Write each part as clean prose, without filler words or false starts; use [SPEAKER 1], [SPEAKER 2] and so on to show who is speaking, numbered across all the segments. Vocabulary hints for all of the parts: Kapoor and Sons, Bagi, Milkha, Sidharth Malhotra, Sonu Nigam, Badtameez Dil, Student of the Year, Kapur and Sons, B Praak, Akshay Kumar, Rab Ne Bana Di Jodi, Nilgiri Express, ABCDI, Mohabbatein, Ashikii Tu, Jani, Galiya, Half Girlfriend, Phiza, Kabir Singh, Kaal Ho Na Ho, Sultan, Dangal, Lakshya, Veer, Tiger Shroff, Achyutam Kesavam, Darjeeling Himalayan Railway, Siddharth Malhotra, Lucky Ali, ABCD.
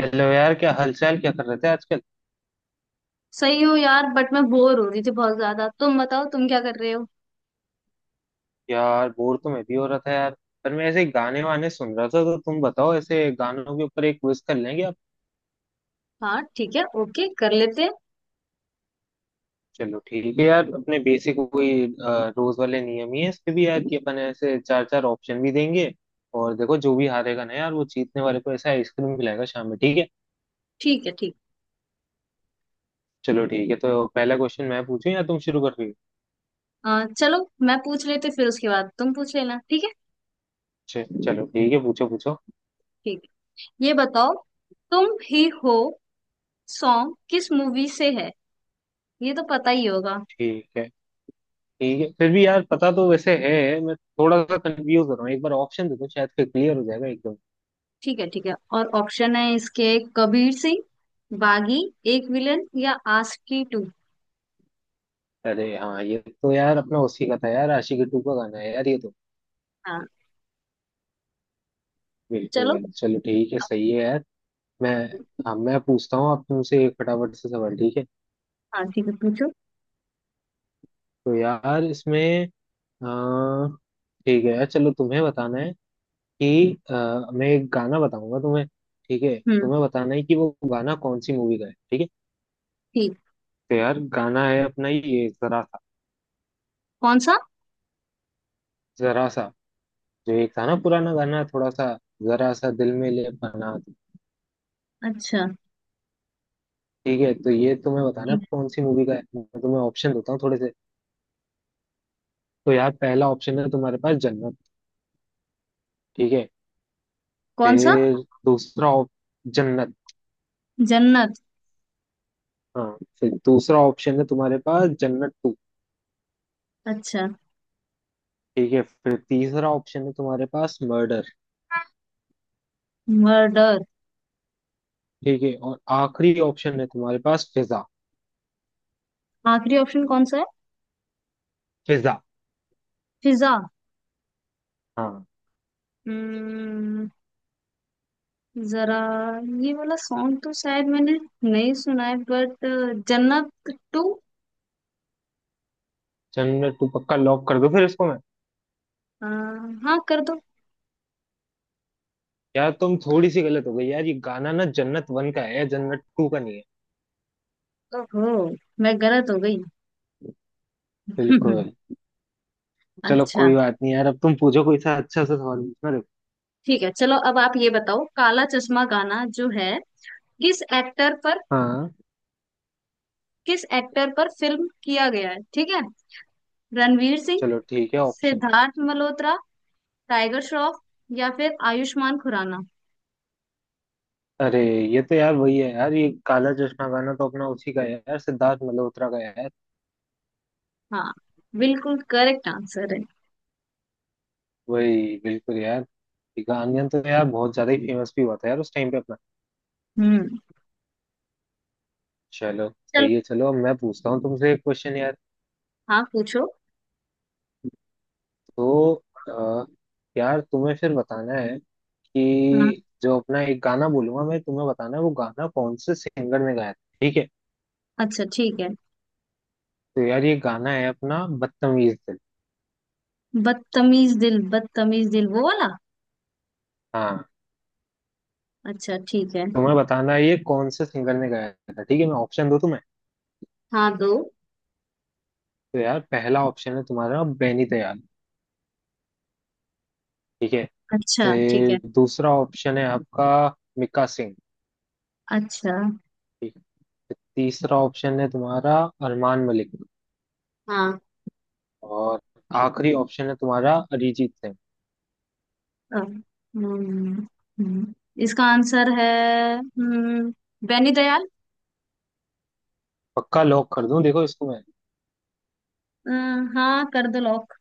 [SPEAKER 1] Hello यार, क्या हालचाल? क्या कर रहे थे आजकल?
[SPEAKER 2] सही हो यार, बट मैं बोर हो रही थी बहुत ज्यादा। तुम बताओ, तुम क्या कर रहे हो?
[SPEAKER 1] यार बोर तो मैं भी हो रहा था यार। पर मैं ऐसे गाने वाने सुन रहा था, तो तुम बताओ ऐसे गानों के ऊपर एक क्विज कर लेंगे आप।
[SPEAKER 2] हाँ ठीक है, ओके कर लेते हैं।
[SPEAKER 1] चलो ठीक है यार, अपने बेसिक वही रोज वाले नियम ही है इसके भी यार, कि अपन ऐसे चार चार ऑप्शन भी देंगे। और देखो जो भी हारेगा ना यार, वो जीतने वाले को ऐसा आइसक्रीम खिलाएगा शाम में, ठीक है।
[SPEAKER 2] ठीक है। ठीक।
[SPEAKER 1] चलो ठीक है, तो पहला क्वेश्चन मैं पूछूं या तुम शुरू कर रही हो?
[SPEAKER 2] चलो मैं पूछ लेते, फिर उसके बाद तुम पूछ लेना। ठीक है।
[SPEAKER 1] चलो ठीक है, पूछो पूछो।
[SPEAKER 2] ठीक है। ये बताओ, तुम ही हो सॉन्ग किस मूवी से है? ये तो पता ही होगा।
[SPEAKER 1] ठीक है। ठीक है फिर भी यार, पता तो वैसे है, मैं थोड़ा सा कंफ्यूज हो रहा हूँ, एक बार ऑप्शन दे दो, शायद फिर क्लियर हो जाएगा एकदम।
[SPEAKER 2] ठीक है, ठीक है। और ऑप्शन है इसके कबीर सिंह, बागी, एक विलन, या आशिकी टू।
[SPEAKER 1] अरे हाँ, ये तो यार अपना उसी का था यार, आशिकी टू का गाना है यार ये तो।
[SPEAKER 2] हाँ। चलो।
[SPEAKER 1] बिल्कुल, चलो ठीक है, सही है यार। मैं, हाँ मैं पूछता हूँ आप तुमसे एक फटाफट से सवाल, ठीक है।
[SPEAKER 2] हाँ ठीक है, पूछो।
[SPEAKER 1] तो यार इसमें अह, ठीक है यार, चलो तुम्हें बताना है कि मैं एक गाना बताऊंगा तुम्हें, ठीक है,
[SPEAKER 2] हम्म।
[SPEAKER 1] तुम्हें बताना है कि वो गाना कौन सी मूवी का है, ठीक है।
[SPEAKER 2] ठीक।
[SPEAKER 1] तो यार गाना है अपना, ये जरा सा।
[SPEAKER 2] कौन सा?
[SPEAKER 1] जरा सा, जो ये था ना पुराना गाना थोड़ा सा, जरा सा दिल में ले पना।
[SPEAKER 2] अच्छा
[SPEAKER 1] ठीक है, तो ये तुम्हें बताना
[SPEAKER 2] ठीक है।
[SPEAKER 1] कौन सी मूवी का है, मैं तुम्हें ऑप्शन देता हूँ थोड़े से। तो यार पहला ऑप्शन है तुम्हारे पास जन्नत, ठीक है।
[SPEAKER 2] कौन सा?
[SPEAKER 1] फिर दूसरा जन्नत,
[SPEAKER 2] जन्नत।
[SPEAKER 1] हाँ। फिर दूसरा ऑप्शन है तुम्हारे पास जन्नत टू,
[SPEAKER 2] अच्छा।
[SPEAKER 1] ठीक है। फिर तीसरा ऑप्शन है तुम्हारे पास मर्डर,
[SPEAKER 2] मर्डर।
[SPEAKER 1] ठीक है। और आखिरी ऑप्शन है तुम्हारे पास फिजा।
[SPEAKER 2] आखिरी ऑप्शन कौन सा है?
[SPEAKER 1] फिजा,
[SPEAKER 2] फिजा।
[SPEAKER 1] हाँ।
[SPEAKER 2] हम्म। जरा, ये वाला सॉन्ग तो शायद मैंने नहीं सुना है, but Jannat two.
[SPEAKER 1] Jannat two पक्का लॉक कर दो फिर इसको मैं?
[SPEAKER 2] हाँ कर दो।
[SPEAKER 1] यार तुम थोड़ी सी गलत हो गई यार, ये गाना ना जन्नत वन का है, जन्नत टू का नहीं है।
[SPEAKER 2] ओहो, मैं गलत हो गई।
[SPEAKER 1] बिल्कुल। चलो
[SPEAKER 2] अच्छा
[SPEAKER 1] कोई बात नहीं यार, अब तुम पूछो कोई सा अच्छा सा सवाल पूछना, देखो।
[SPEAKER 2] ठीक है, चलो अब आप ये बताओ, काला चश्मा गाना जो है किस एक्टर पर,
[SPEAKER 1] हाँ,
[SPEAKER 2] किस एक्टर पर फिल्म किया गया है, ठीक है। रणवीर सिंह,
[SPEAKER 1] चलो ठीक है ऑप्शन।
[SPEAKER 2] सिद्धार्थ मल्होत्रा, टाइगर श्रॉफ, या फिर आयुष्मान खुराना।
[SPEAKER 1] अरे, ये तो यार वही है यार, ये काला चश्मा गाना तो अपना उसी का है यार, सिद्धार्थ मल्होत्रा का है यार।
[SPEAKER 2] हाँ, बिल्कुल करेक्ट आंसर है।
[SPEAKER 1] वही बिल्कुल यार, ये गाना तो यार बहुत ज्यादा ही फेमस भी हुआ था यार उस टाइम पे अपना।
[SPEAKER 2] हम्म।
[SPEAKER 1] चलो
[SPEAKER 2] चलो।
[SPEAKER 1] सही है, चलो अब मैं पूछता हूँ तुमसे एक क्वेश्चन यार।
[SPEAKER 2] हाँ पूछो।
[SPEAKER 1] तो अ, यार तुम्हें फिर बताना है
[SPEAKER 2] हाँ,
[SPEAKER 1] कि जो अपना एक गाना बोलूंगा मैं, तुम्हें बताना है वो गाना कौन से सिंगर ने गाया था, ठीक है।
[SPEAKER 2] अच्छा ठीक है।
[SPEAKER 1] तो यार ये गाना है अपना बदतमीज दिल।
[SPEAKER 2] बदतमीज दिल, बदतमीज दिल वो वाला।
[SPEAKER 1] हाँ,
[SPEAKER 2] अच्छा ठीक है।
[SPEAKER 1] तुम्हें बताना है ये कौन से सिंगर ने गाया था, ठीक है, मैं ऑप्शन दूं तुम्हें।
[SPEAKER 2] हाँ दो।
[SPEAKER 1] तो यार पहला ऑप्शन है तुम्हारा बेनी दयाल, ठीक है।
[SPEAKER 2] अच्छा ठीक है।
[SPEAKER 1] फिर दूसरा ऑप्शन है आपका मिक्का सिंह,
[SPEAKER 2] अच्छा।
[SPEAKER 1] ठीक है। फिर तीसरा ऑप्शन है तुम्हारा अरमान मलिक।
[SPEAKER 2] हाँ।
[SPEAKER 1] और आखिरी ऑप्शन है तुम्हारा अरिजीत सिंह।
[SPEAKER 2] अ, हम्म, हम्म, इसका आंसर है हम्म, बेनी दयाल।
[SPEAKER 1] पक्का लॉक कर दूं देखो इसको मैं?
[SPEAKER 2] अ, हाँ कर दो लॉक।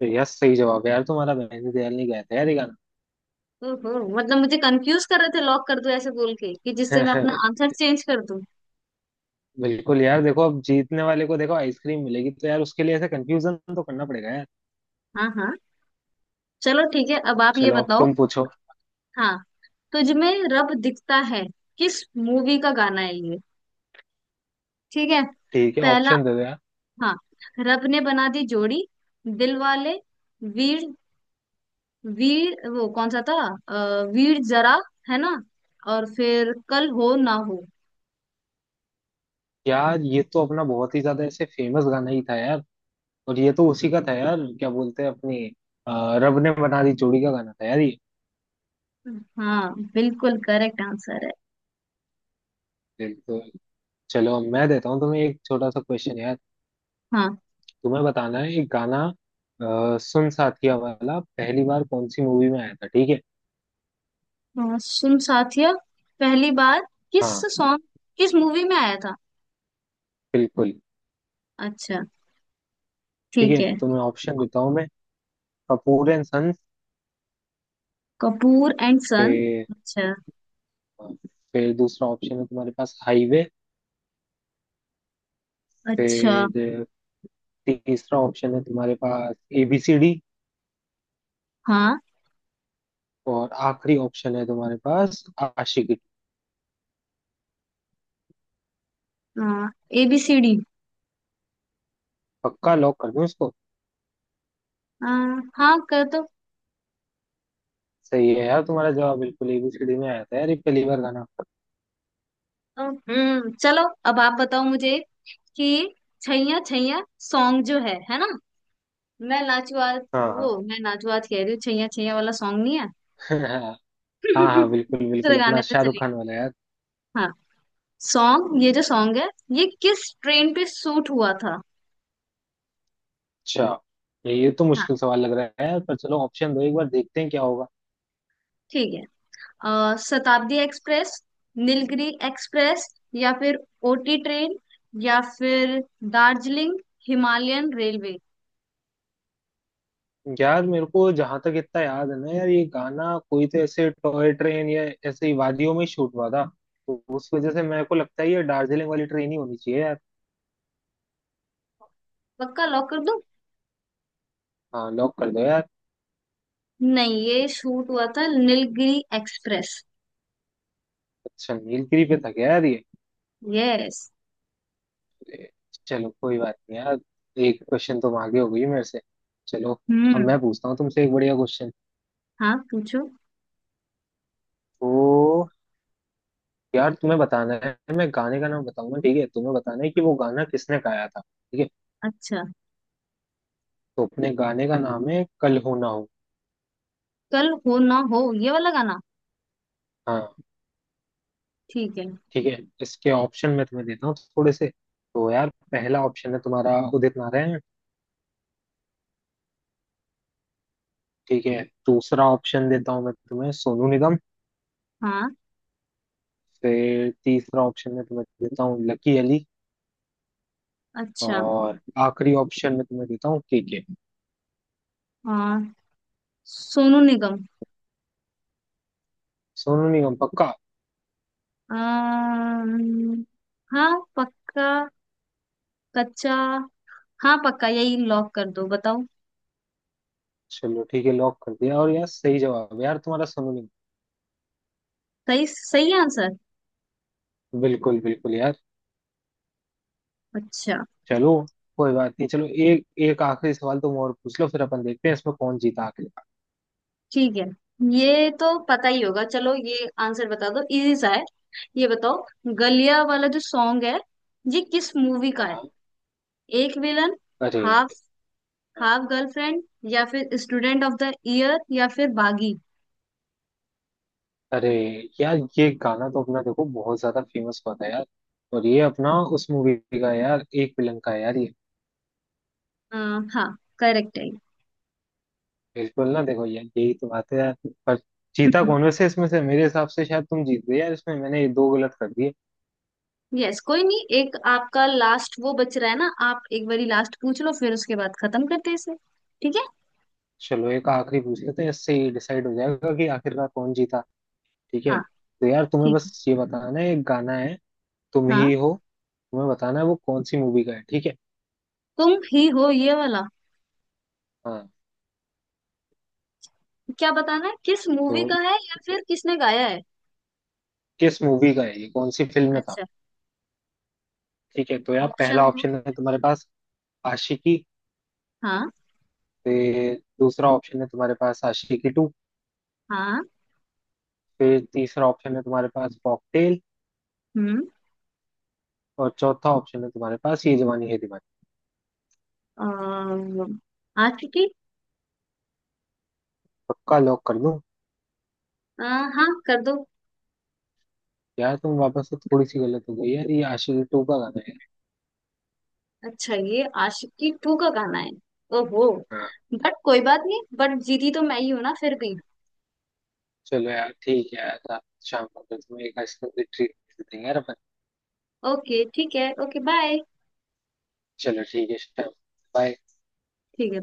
[SPEAKER 1] तो यार सही जवाब है यार, तुम्हारा बेनी दयाल नहीं गाया था यार ये
[SPEAKER 2] ओहो, मतलब मुझे कंफ्यूज कर रहे थे, लॉक कर दो ऐसे बोल के कि जिससे मैं
[SPEAKER 1] गाना।
[SPEAKER 2] अपना आंसर चेंज कर दूं।
[SPEAKER 1] बिल्कुल यार, देखो अब जीतने वाले को देखो आइसक्रीम मिलेगी, तो यार उसके लिए ऐसे कंफ्यूजन तो करना पड़ेगा यार।
[SPEAKER 2] हाँ हाँ। चलो ठीक है, अब आप ये
[SPEAKER 1] चलो अब
[SPEAKER 2] बताओ।
[SPEAKER 1] तुम पूछो।
[SPEAKER 2] हाँ। तुझमें रब दिखता है किस मूवी का गाना है ये, ठीक है।
[SPEAKER 1] ठीक है,
[SPEAKER 2] पहला,
[SPEAKER 1] ऑप्शन दे दो यार।
[SPEAKER 2] हाँ, रब ने बना दी जोड़ी, दिल वाले, वीर, वीर वो कौन सा था, वीर जरा, है ना, और फिर कल हो ना हो।
[SPEAKER 1] यार ये तो अपना बहुत ही ज्यादा ऐसे फेमस गाना ही था यार, और ये तो उसी का था यार, क्या बोलते हैं अपनी, रब ने बना दी जोड़ी का गाना था यार ये।
[SPEAKER 2] हाँ, बिल्कुल करेक्ट आंसर है।
[SPEAKER 1] बिल्कुल। चलो अब मैं देता हूँ तुम्हें एक छोटा सा क्वेश्चन यार।
[SPEAKER 2] हाँ।
[SPEAKER 1] तुम्हें बताना है एक गाना, सुन साथिया वाला पहली बार कौन सी मूवी में आया था, ठीक है।
[SPEAKER 2] सुन साथिया पहली बार किस
[SPEAKER 1] हाँ,
[SPEAKER 2] सॉन्ग, किस मूवी में आया था?
[SPEAKER 1] बिल्कुल।
[SPEAKER 2] अच्छा
[SPEAKER 1] ठीक
[SPEAKER 2] ठीक
[SPEAKER 1] है,
[SPEAKER 2] है।
[SPEAKER 1] तुम्हें ऑप्शन देता हूँ मैं। Kapoor and sons,
[SPEAKER 2] Kapoor and son.
[SPEAKER 1] फिर
[SPEAKER 2] अच्छा।
[SPEAKER 1] फिर दूसरा ऑप्शन है तुम्हारे पास हाईवे।
[SPEAKER 2] अच्छा।
[SPEAKER 1] फिर तीसरा ऑप्शन है तुम्हारे पास एबीसीडी।
[SPEAKER 2] हाँ।
[SPEAKER 1] और आखिरी ऑप्शन है तुम्हारे पास Aashiqui.
[SPEAKER 2] A B C D.
[SPEAKER 1] पक्का लॉक कर दूं इसको?
[SPEAKER 2] हाँ कर दो।
[SPEAKER 1] सही है यार, तुम्हारा जवाब बिल्कुल, एबीसीडी में आया था यार ये पहली बार गाना।
[SPEAKER 2] हम्म, चलो, अब आप बताओ मुझे कि छैया छैया सॉन्ग जो है ना, मैं नाचुआ,
[SPEAKER 1] हाँ हाँ।
[SPEAKER 2] वो मैं नाचुआ कह रही हूँ, छैया छैया वाला सॉन्ग नहीं है।
[SPEAKER 1] हाँ हाँ बिल्कुल बिल्कुल,
[SPEAKER 2] दूसरे
[SPEAKER 1] अपना
[SPEAKER 2] गाने पे
[SPEAKER 1] शाहरुख
[SPEAKER 2] चलेगी।
[SPEAKER 1] खान वाला यार।
[SPEAKER 2] हाँ। सॉन्ग, ये जो सॉन्ग है ये किस ट्रेन पे शूट हुआ था?
[SPEAKER 1] अच्छा, ये तो
[SPEAKER 2] हाँ
[SPEAKER 1] मुश्किल सवाल लग रहा है यार, पर चलो ऑप्शन दो एक बार, देखते हैं क्या होगा।
[SPEAKER 2] ठीक है। शताब्दी एक्सप्रेस, नीलगिरी एक्सप्रेस, या फिर ओटी ट्रेन, या फिर दार्जिलिंग हिमालयन रेलवे।
[SPEAKER 1] यार मेरे को जहां तक इतना याद है ना यार, ये गाना कोई तो ऐसे टॉय ट्रेन या ऐसे ही वादियों में शूट हुआ था, तो उस वजह से मेरे को लगता है ये दार्जिलिंग वाली ट्रेन ही होनी चाहिए यार।
[SPEAKER 2] पक्का लॉक कर दो।
[SPEAKER 1] हाँ, लॉक कर दो यार।
[SPEAKER 2] नहीं, ये शूट हुआ था नीलगिरी एक्सप्रेस।
[SPEAKER 1] अच्छा, नीलगिरी पे था क्या यार ये?
[SPEAKER 2] यस।
[SPEAKER 1] ए, चलो कोई बात नहीं यार, एक क्वेश्चन तुम आगे हो गई मेरे से। चलो अब
[SPEAKER 2] हम्म।
[SPEAKER 1] मैं पूछता हूँ तुमसे एक बढ़िया क्वेश्चन।
[SPEAKER 2] हाँ पूछो।
[SPEAKER 1] तो यार तुम्हें बताना है, मैं गाने का नाम बताऊंगा, ठीक है, तुम्हें बताना है कि वो गाना किसने गाया था, ठीक है।
[SPEAKER 2] अच्छा,
[SPEAKER 1] तो अपने गाने का नाम है कल हो ना हो।
[SPEAKER 2] कल हो ना हो, ये वाला गाना।
[SPEAKER 1] हाँ,
[SPEAKER 2] ठीक है।
[SPEAKER 1] ठीक है, इसके ऑप्शन मैं तुम्हें देता हूँ थोड़े से। तो यार पहला ऑप्शन है तुम्हारा उदित नारायण, ठीक है। दूसरा ऑप्शन देता हूँ मैं तुम्हें सोनू निगम।
[SPEAKER 2] हाँ।
[SPEAKER 1] फिर तीसरा ऑप्शन मैं तुम्हें देता हूँ लकी अली।
[SPEAKER 2] अच्छा।
[SPEAKER 1] और आखिरी ऑप्शन में तुम्हें देता हूँ के के।
[SPEAKER 2] हाँ। सोनू निगम।
[SPEAKER 1] सोनू निगम पक्का?
[SPEAKER 2] अम्म, हाँ पक्का, कच्चा, हाँ पक्का, यही लॉक कर दो, बताओ।
[SPEAKER 1] चलो ठीक है, लॉक कर दिया, और यार सही जवाब है यार तुम्हारा, सोनू निगम।
[SPEAKER 2] सही सही आंसर।
[SPEAKER 1] बिल्कुल बिल्कुल यार।
[SPEAKER 2] अच्छा।
[SPEAKER 1] चलो कोई बात नहीं, चलो एक एक आखिरी सवाल तुम और पूछ लो, फिर अपन देखते हैं इसमें कौन जीता आखिर।
[SPEAKER 2] ठीक है, ये तो पता ही होगा, चलो ये आंसर बता दो, इजी सा है। ये बताओ, गलिया वाला जो सॉन्ग है ये किस मूवी का है?
[SPEAKER 1] हाँ।
[SPEAKER 2] एक विलन,
[SPEAKER 1] अरे,
[SPEAKER 2] हाफ, हाफ गर्लफ्रेंड, या फिर स्टूडेंट ऑफ द ईयर, या फिर बागी।
[SPEAKER 1] अरे यार, ये गाना तो अपना देखो बहुत ज्यादा फेमस हुआ था यार, और ये अपना उस मूवी का है यार, एक विलन का है यार ये।
[SPEAKER 2] अ, हाँ, करेक्ट है।
[SPEAKER 1] बिल्कुल ना, देखो यार यही तो बात है यार। पर जीता कौन वैसे इसमें से, मेरे हिसाब से शायद तुम जीत गए यार इसमें, मैंने ये दो गलत कर दिए।
[SPEAKER 2] यस कोई नहीं, एक आपका लास्ट वो बच रहा है ना, आप एक बारी लास्ट पूछ लो, फिर उसके बाद खत्म करते हैं इसे। ठीक है।
[SPEAKER 1] चलो एक आखिरी पूछ लेते हैं, इससे ही डिसाइड हो जाएगा कि आखिरकार कौन जीता। ठीक है,
[SPEAKER 2] हाँ
[SPEAKER 1] तो यार तुम्हें
[SPEAKER 2] ठीक है।
[SPEAKER 1] बस ये बताना है, एक गाना है, तुम ही
[SPEAKER 2] हाँ।
[SPEAKER 1] हो, तुम्हें बताना है वो कौन सी मूवी का है, ठीक है।
[SPEAKER 2] तुम ही हो, ये वाला?
[SPEAKER 1] हाँ।
[SPEAKER 2] क्या बताना है, किस मूवी
[SPEAKER 1] तो
[SPEAKER 2] का है या फिर किसने गाया है?
[SPEAKER 1] किस मूवी का है ये, कौन सी फिल्म में था,
[SPEAKER 2] अच्छा।
[SPEAKER 1] ठीक है। तो यार पहला
[SPEAKER 2] ऑप्शन दो।
[SPEAKER 1] ऑप्शन है तुम्हारे पास आशिकी।
[SPEAKER 2] हाँ।
[SPEAKER 1] फिर दूसरा ऑप्शन है तुम्हारे पास आशिकी टू।
[SPEAKER 2] हाँ।
[SPEAKER 1] फिर तीसरा ऑप्शन है तुम्हारे पास कॉकटेल।
[SPEAKER 2] हम्म।
[SPEAKER 1] और चौथा ऑप्शन है तुम्हारे पास ये जवानी है दीवानी।
[SPEAKER 2] आशिकी।
[SPEAKER 1] पक्का लॉक कर दूं?
[SPEAKER 2] अ, हाँ कर दो।
[SPEAKER 1] यार तुम वापस से थोड़ी सी गलत हो गई यार, ये आशिकी टू का गाना है।
[SPEAKER 2] अच्छा, ये आशिकी टू का गाना है। ओहो,
[SPEAKER 1] हाँ।
[SPEAKER 2] बट कोई बात नहीं, बट जीती तो मैं ही हूं ना फिर भी।
[SPEAKER 1] चलो यार ठीक है यार, रात शाम को फिर तुम्हें एक आइसक्रीम की ट्रीट देंगे यार अपन।
[SPEAKER 2] ओके ठीक है, ओके बाय।
[SPEAKER 1] चलो ठीक है, शाम, बाय।
[SPEAKER 2] ठीक है।